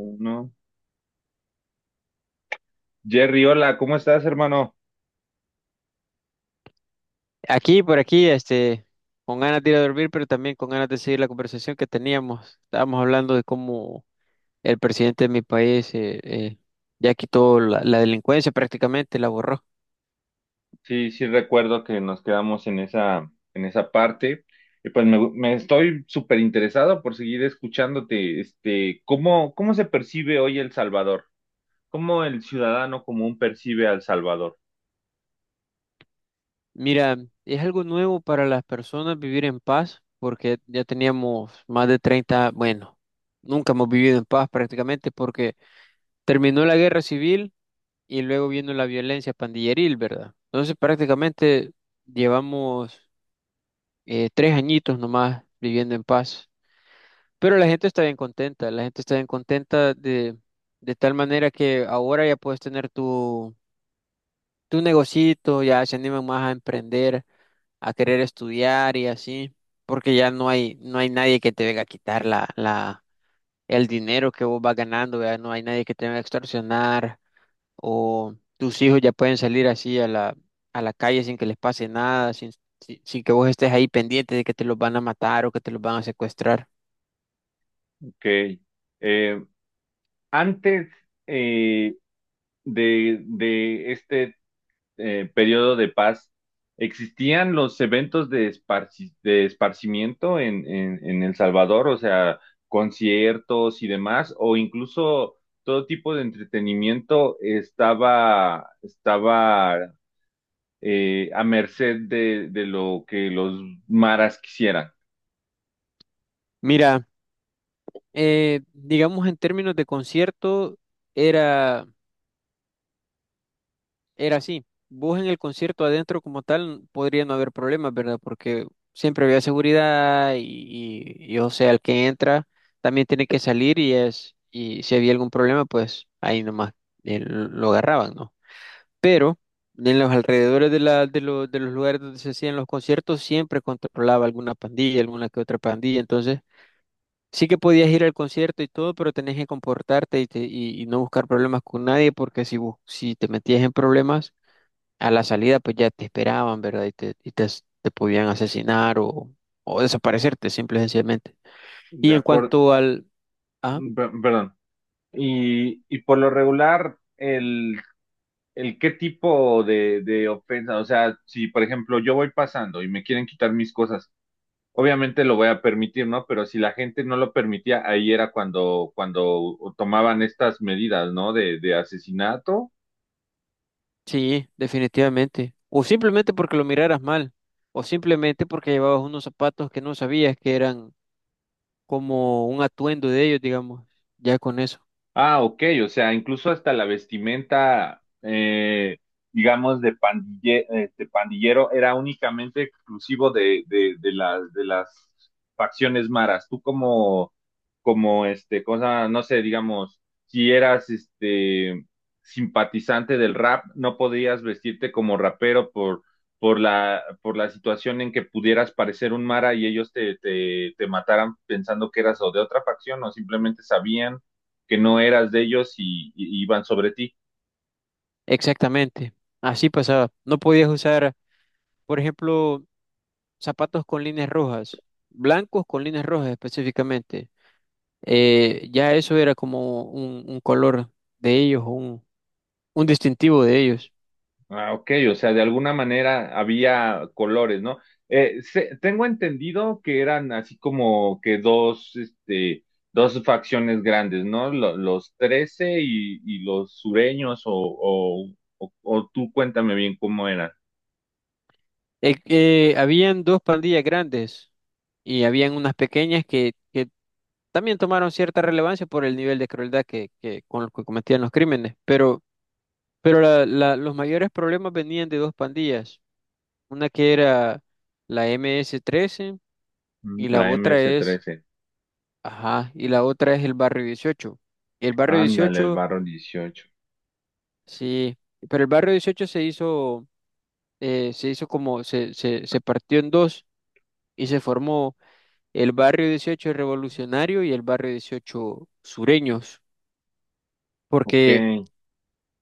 Uno. Jerry, hola, ¿cómo estás, hermano? Aquí, por aquí, con ganas de ir a dormir, pero también con ganas de seguir la conversación que teníamos. Estábamos hablando de cómo el presidente de mi país ya quitó la delincuencia prácticamente, la borró. Sí, sí recuerdo que nos quedamos en esa parte. Y pues me estoy súper interesado por seguir escuchándote. Este, ¿cómo se percibe hoy El Salvador? ¿Cómo el ciudadano común percibe al Salvador? Mira, es algo nuevo para las personas vivir en paz, porque ya teníamos más de 30 bueno, nunca hemos vivido en paz prácticamente porque terminó la guerra civil y luego vino la violencia pandilleril, ¿verdad? Entonces prácticamente llevamos... tres añitos nomás viviendo en paz. Pero la gente está bien contenta, la gente está bien contenta de tal manera que ahora ya puedes tener tu negocito, ya se animan más a emprender, a querer estudiar y así, porque no hay nadie que te venga a quitar el dinero que vos vas ganando, ya no hay nadie que te venga a extorsionar o tus hijos ya pueden salir así a la calle sin que les pase nada, sin que vos estés ahí pendiente de que te los van a matar o que te los van a secuestrar. Ok. Eh, Antes eh, de este periodo de paz, ¿existían los eventos de esparcimiento en El Salvador? O sea, conciertos y demás, o incluso todo tipo de entretenimiento estaba a merced de lo que los maras quisieran. Mira, digamos en términos de concierto, era, era así. Vos en el concierto adentro como tal podría no haber problemas, ¿verdad? Porque siempre había seguridad y, o sea, el que entra también tiene que salir y y si había algún problema, pues ahí nomás lo agarraban, ¿no? Pero en los alrededores de, la, de, lo- de los lugares donde se hacían los conciertos siempre controlaba alguna pandilla, alguna que otra pandilla, entonces sí que podías ir al concierto y todo, pero tenías que comportarte y y no buscar problemas con nadie, porque si te metías en problemas, a la salida pues ya te esperaban, ¿verdad? Te podían asesinar o desaparecerte simple y sencillamente. De Y en acuerdo, cuanto al... ¿Ah? perdón. Y por lo regular, el qué tipo de ofensa, o sea, si por ejemplo yo voy pasando y me quieren quitar mis cosas, obviamente lo voy a permitir, ¿no? Pero si la gente no lo permitía, ahí era cuando tomaban estas medidas, ¿no? De asesinato. Sí, definitivamente. O simplemente porque lo miraras mal. O simplemente porque llevabas unos zapatos que no sabías que eran como un atuendo de ellos, digamos. Ya con eso. Ah, ok, o sea, incluso hasta la vestimenta, digamos, de pandillero era únicamente exclusivo de las facciones maras. Tú como, este, cosa, no sé, digamos, si eras, simpatizante del rap, no podías vestirte como rapero por la situación en que pudieras parecer un mara y ellos te mataran pensando que eras o de otra facción o simplemente sabían que no eras de ellos y iban sobre ti. Exactamente. Así pasaba. No podías usar, por ejemplo, zapatos con líneas rojas. Blancos con líneas rojas específicamente. Ya eso era como un color de ellos, un distintivo de ellos. Ah, ok, o sea, de alguna manera había colores, ¿no? Tengo entendido que eran así como que dos facciones grandes, ¿no? Los 13 y los sureños, o tú cuéntame bien cómo eran. Habían dos pandillas grandes y habían unas pequeñas que también tomaron cierta relevancia por el nivel de crueldad con los que cometían los crímenes, pero los mayores problemas venían de dos pandillas, una que era la MS-13, Mm, y la La otra ms es, trece. ajá, y la otra es el Barrio 18. El Barrio Ándale, el 18, barro 18. sí, pero el Barrio 18 se hizo, eh, se hizo como, se partió en dos y se formó el Barrio 18 Revolucionario y el Barrio 18 Sureños. Ok. Porque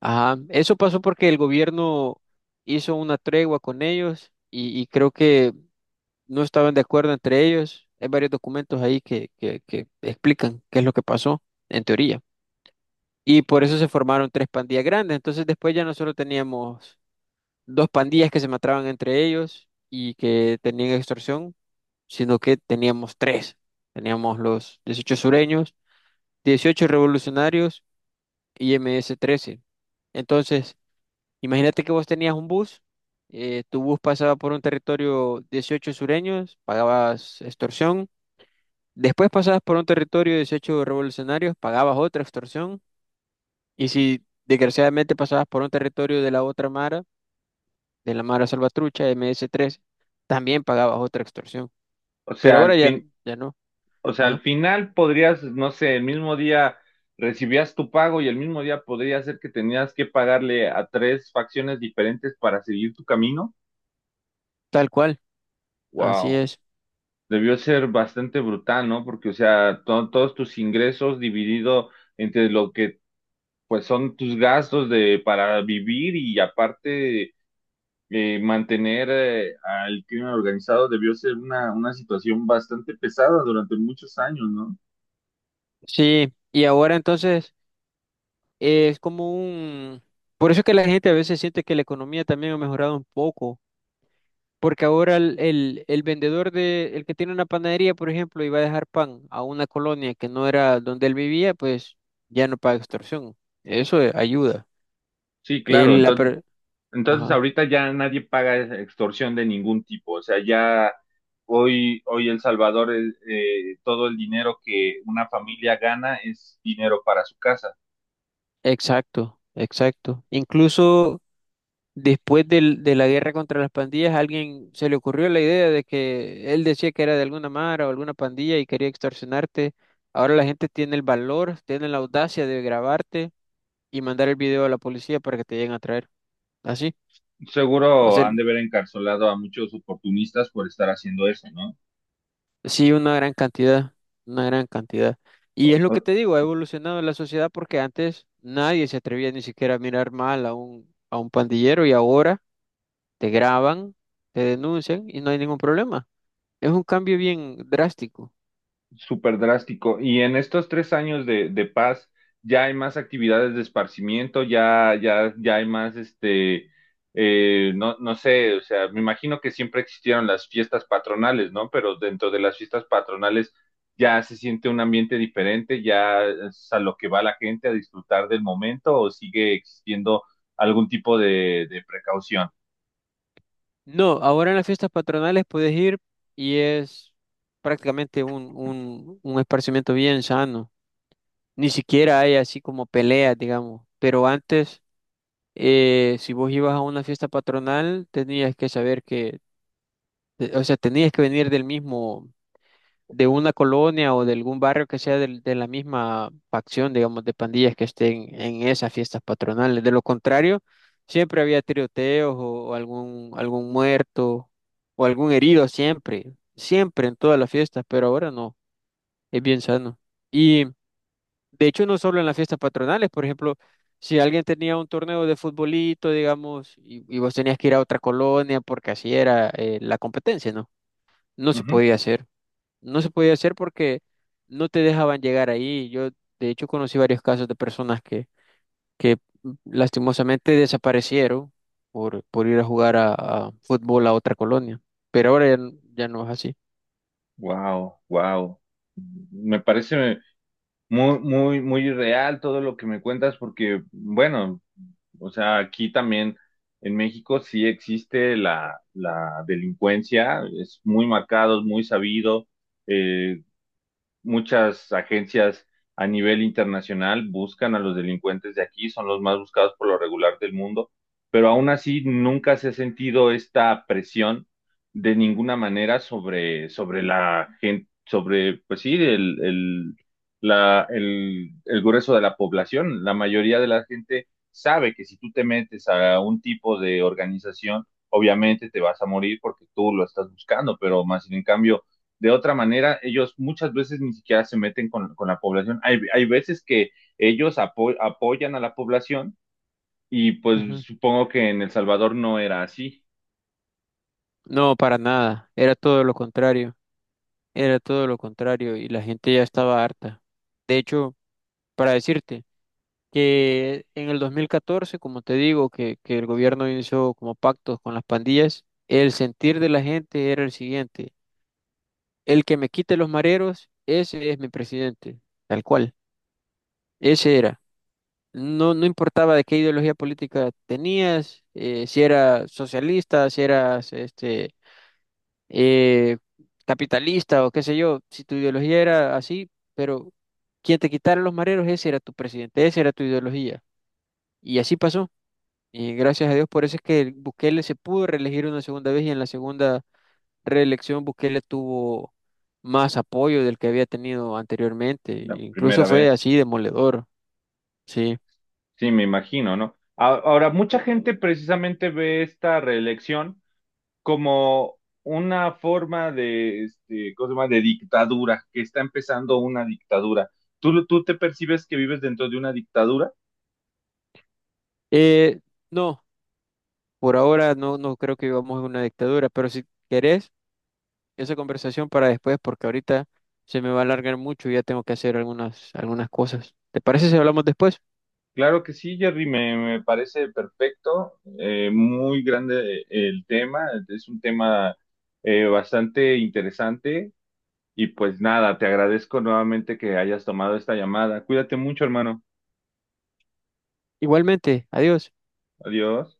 ajá, eso pasó porque el gobierno hizo una tregua con ellos y creo que no estaban de acuerdo entre ellos. Hay varios documentos ahí que explican qué es lo que pasó, en teoría. Y por eso se formaron tres pandillas grandes. Entonces después ya nosotros teníamos dos pandillas que se mataban entre ellos y que tenían extorsión, sino que teníamos tres. Teníamos los dieciocho sureños, dieciocho revolucionarios y ms trece. Entonces... Imagínate que vos tenías un bus, tu bus pasaba por un territorio dieciocho sureños, pagabas extorsión, después pasabas por un territorio dieciocho revolucionarios, pagabas otra extorsión, y si desgraciadamente pasabas por un territorio de la otra Mara, de la Mara Salvatrucha, ms tres, también pagabas otra extorsión. O Pero sea, al fin, ya no, O sea, ajá, al final podrías, no sé, el mismo día recibías tu pago y el mismo día podría ser que tenías que pagarle a tres facciones diferentes para seguir tu camino. tal cual, así Wow, es. debió ser bastante brutal, ¿no? Porque, o sea, todos tus ingresos dividido entre lo que pues son tus gastos de para vivir y aparte mantener al crimen organizado debió ser una situación bastante pesada durante muchos años, ¿no? Sí, y ahora entonces es como un... Por eso es que la gente a veces siente que la economía también ha mejorado un poco. Porque ahora el vendedor de, el que tiene una panadería, por ejemplo, y va a dejar pan a una colonia que no era donde él vivía, pues ya no paga extorsión. Eso ayuda. Sí, claro. el la entonces per- Entonces Ajá, ahorita ya nadie paga extorsión de ningún tipo, o sea, ya hoy El Salvador, todo el dinero que una familia gana es dinero para su casa. exacto, exacto. Incluso después de la guerra contra las pandillas, a alguien se le ocurrió la idea de que él decía que era de alguna mara o alguna pandilla y quería extorsionarte. Ahora la gente tiene el valor, tiene la audacia de grabarte y mandar el video a la policía para que te lleguen a traer. Así. O Seguro sea, han de haber encarcelado a muchos oportunistas por estar haciendo eso, ¿no? sí, una gran cantidad, una gran cantidad. Y es lo que te digo, ha evolucionado la sociedad porque antes nadie se atrevía ni siquiera a mirar mal a a un pandillero y ahora te graban, te denuncian y no hay ningún problema. Es un cambio bien drástico. Súper drástico. Y en estos 3 años de paz, ya hay más actividades de esparcimiento, ya, ya, ya hay más, este, no, no sé, o sea, me imagino que siempre existieron las fiestas patronales, ¿no? Pero dentro de las fiestas patronales ya se siente un ambiente diferente, ya es a lo que va la gente a disfrutar del momento o sigue existiendo algún tipo de precaución. No, ahora en las fiestas patronales puedes ir y es prácticamente un esparcimiento bien sano. Ni siquiera hay así como peleas, digamos. Pero antes, si vos ibas a una fiesta patronal, tenías que saber que o sea, tenías que venir del mismo, de una colonia o de algún barrio que sea de la misma facción, digamos, de pandillas que estén en esas fiestas patronales. De lo contrario, siempre había tiroteos o algún, algún muerto o algún herido, siempre, siempre en todas las fiestas, pero ahora no, es bien sano. Y de hecho, no solo en las fiestas patronales, por ejemplo, si alguien tenía un torneo de futbolito, digamos, y vos tenías que ir a otra colonia porque así era la competencia, ¿no? No se podía hacer no se podía hacer porque no te dejaban llegar ahí. Yo, de hecho, conocí varios casos de personas que lastimosamente desaparecieron por ir a jugar a fútbol a otra colonia. Pero ahora ya, ya no es así. Wow, wow. Me parece muy, muy, muy real todo lo que me cuentas, porque, bueno, o sea, aquí también en México sí existe la delincuencia, es muy marcado, es muy sabido. Eh, Muchas agencias a nivel internacional buscan a los delincuentes de aquí, son los más buscados por lo regular del mundo, pero aún así nunca se ha sentido esta presión de ninguna manera sobre la gente, sobre, pues sí, el grueso de la población. La mayoría de la gente sabe que si tú te metes a un tipo de organización, obviamente te vas a morir porque tú lo estás buscando, pero más sin en cambio de otra manera, ellos muchas veces ni siquiera se meten con la población. Hay veces que ellos apoyan a la población y pues Ujú. supongo que en El Salvador no era así No, para nada. Era todo lo contrario. Era todo lo contrario y la gente ya estaba harta. De hecho, para decirte que en el 2014 como te digo, que el gobierno inició como pactos con las pandillas, el sentir de la gente era el siguiente. El que me quite los mareros, ese es mi presidente, tal cual. Ese era. No, no importaba de qué ideología política tenías, si eras socialista, si eras eh, capitalista o qué sé yo, si tu ideología era así, pero quien te quitara los mareros, ese era tu presidente, esa era tu ideología. Y así pasó. Y gracias a Dios, por eso es que Bukele se pudo reelegir una segunda vez y en la segunda reelección Bukele tuvo más apoyo del que había tenido anteriormente. la Incluso primera fue vez. así demoledor, sí. Sí, me imagino, ¿no? Ahora, mucha gente precisamente ve esta reelección como una forma de, este, ¿cómo se llama? De dictadura, que está empezando una dictadura. ¿Tú te percibes que vives dentro de una dictadura? Eh, no, por ahora no, no creo que vivamos en una dictadura, pero si querés, esa conversación para después, porque ahorita se me va a alargar mucho y ya tengo que hacer algunas cosas. ¿Te parece si hablamos después? Claro que sí, Jerry, me parece perfecto, muy grande el tema, es un tema bastante interesante y pues nada, te agradezco nuevamente que hayas tomado esta llamada. Cuídate mucho, hermano. Igualmente, adiós. Adiós.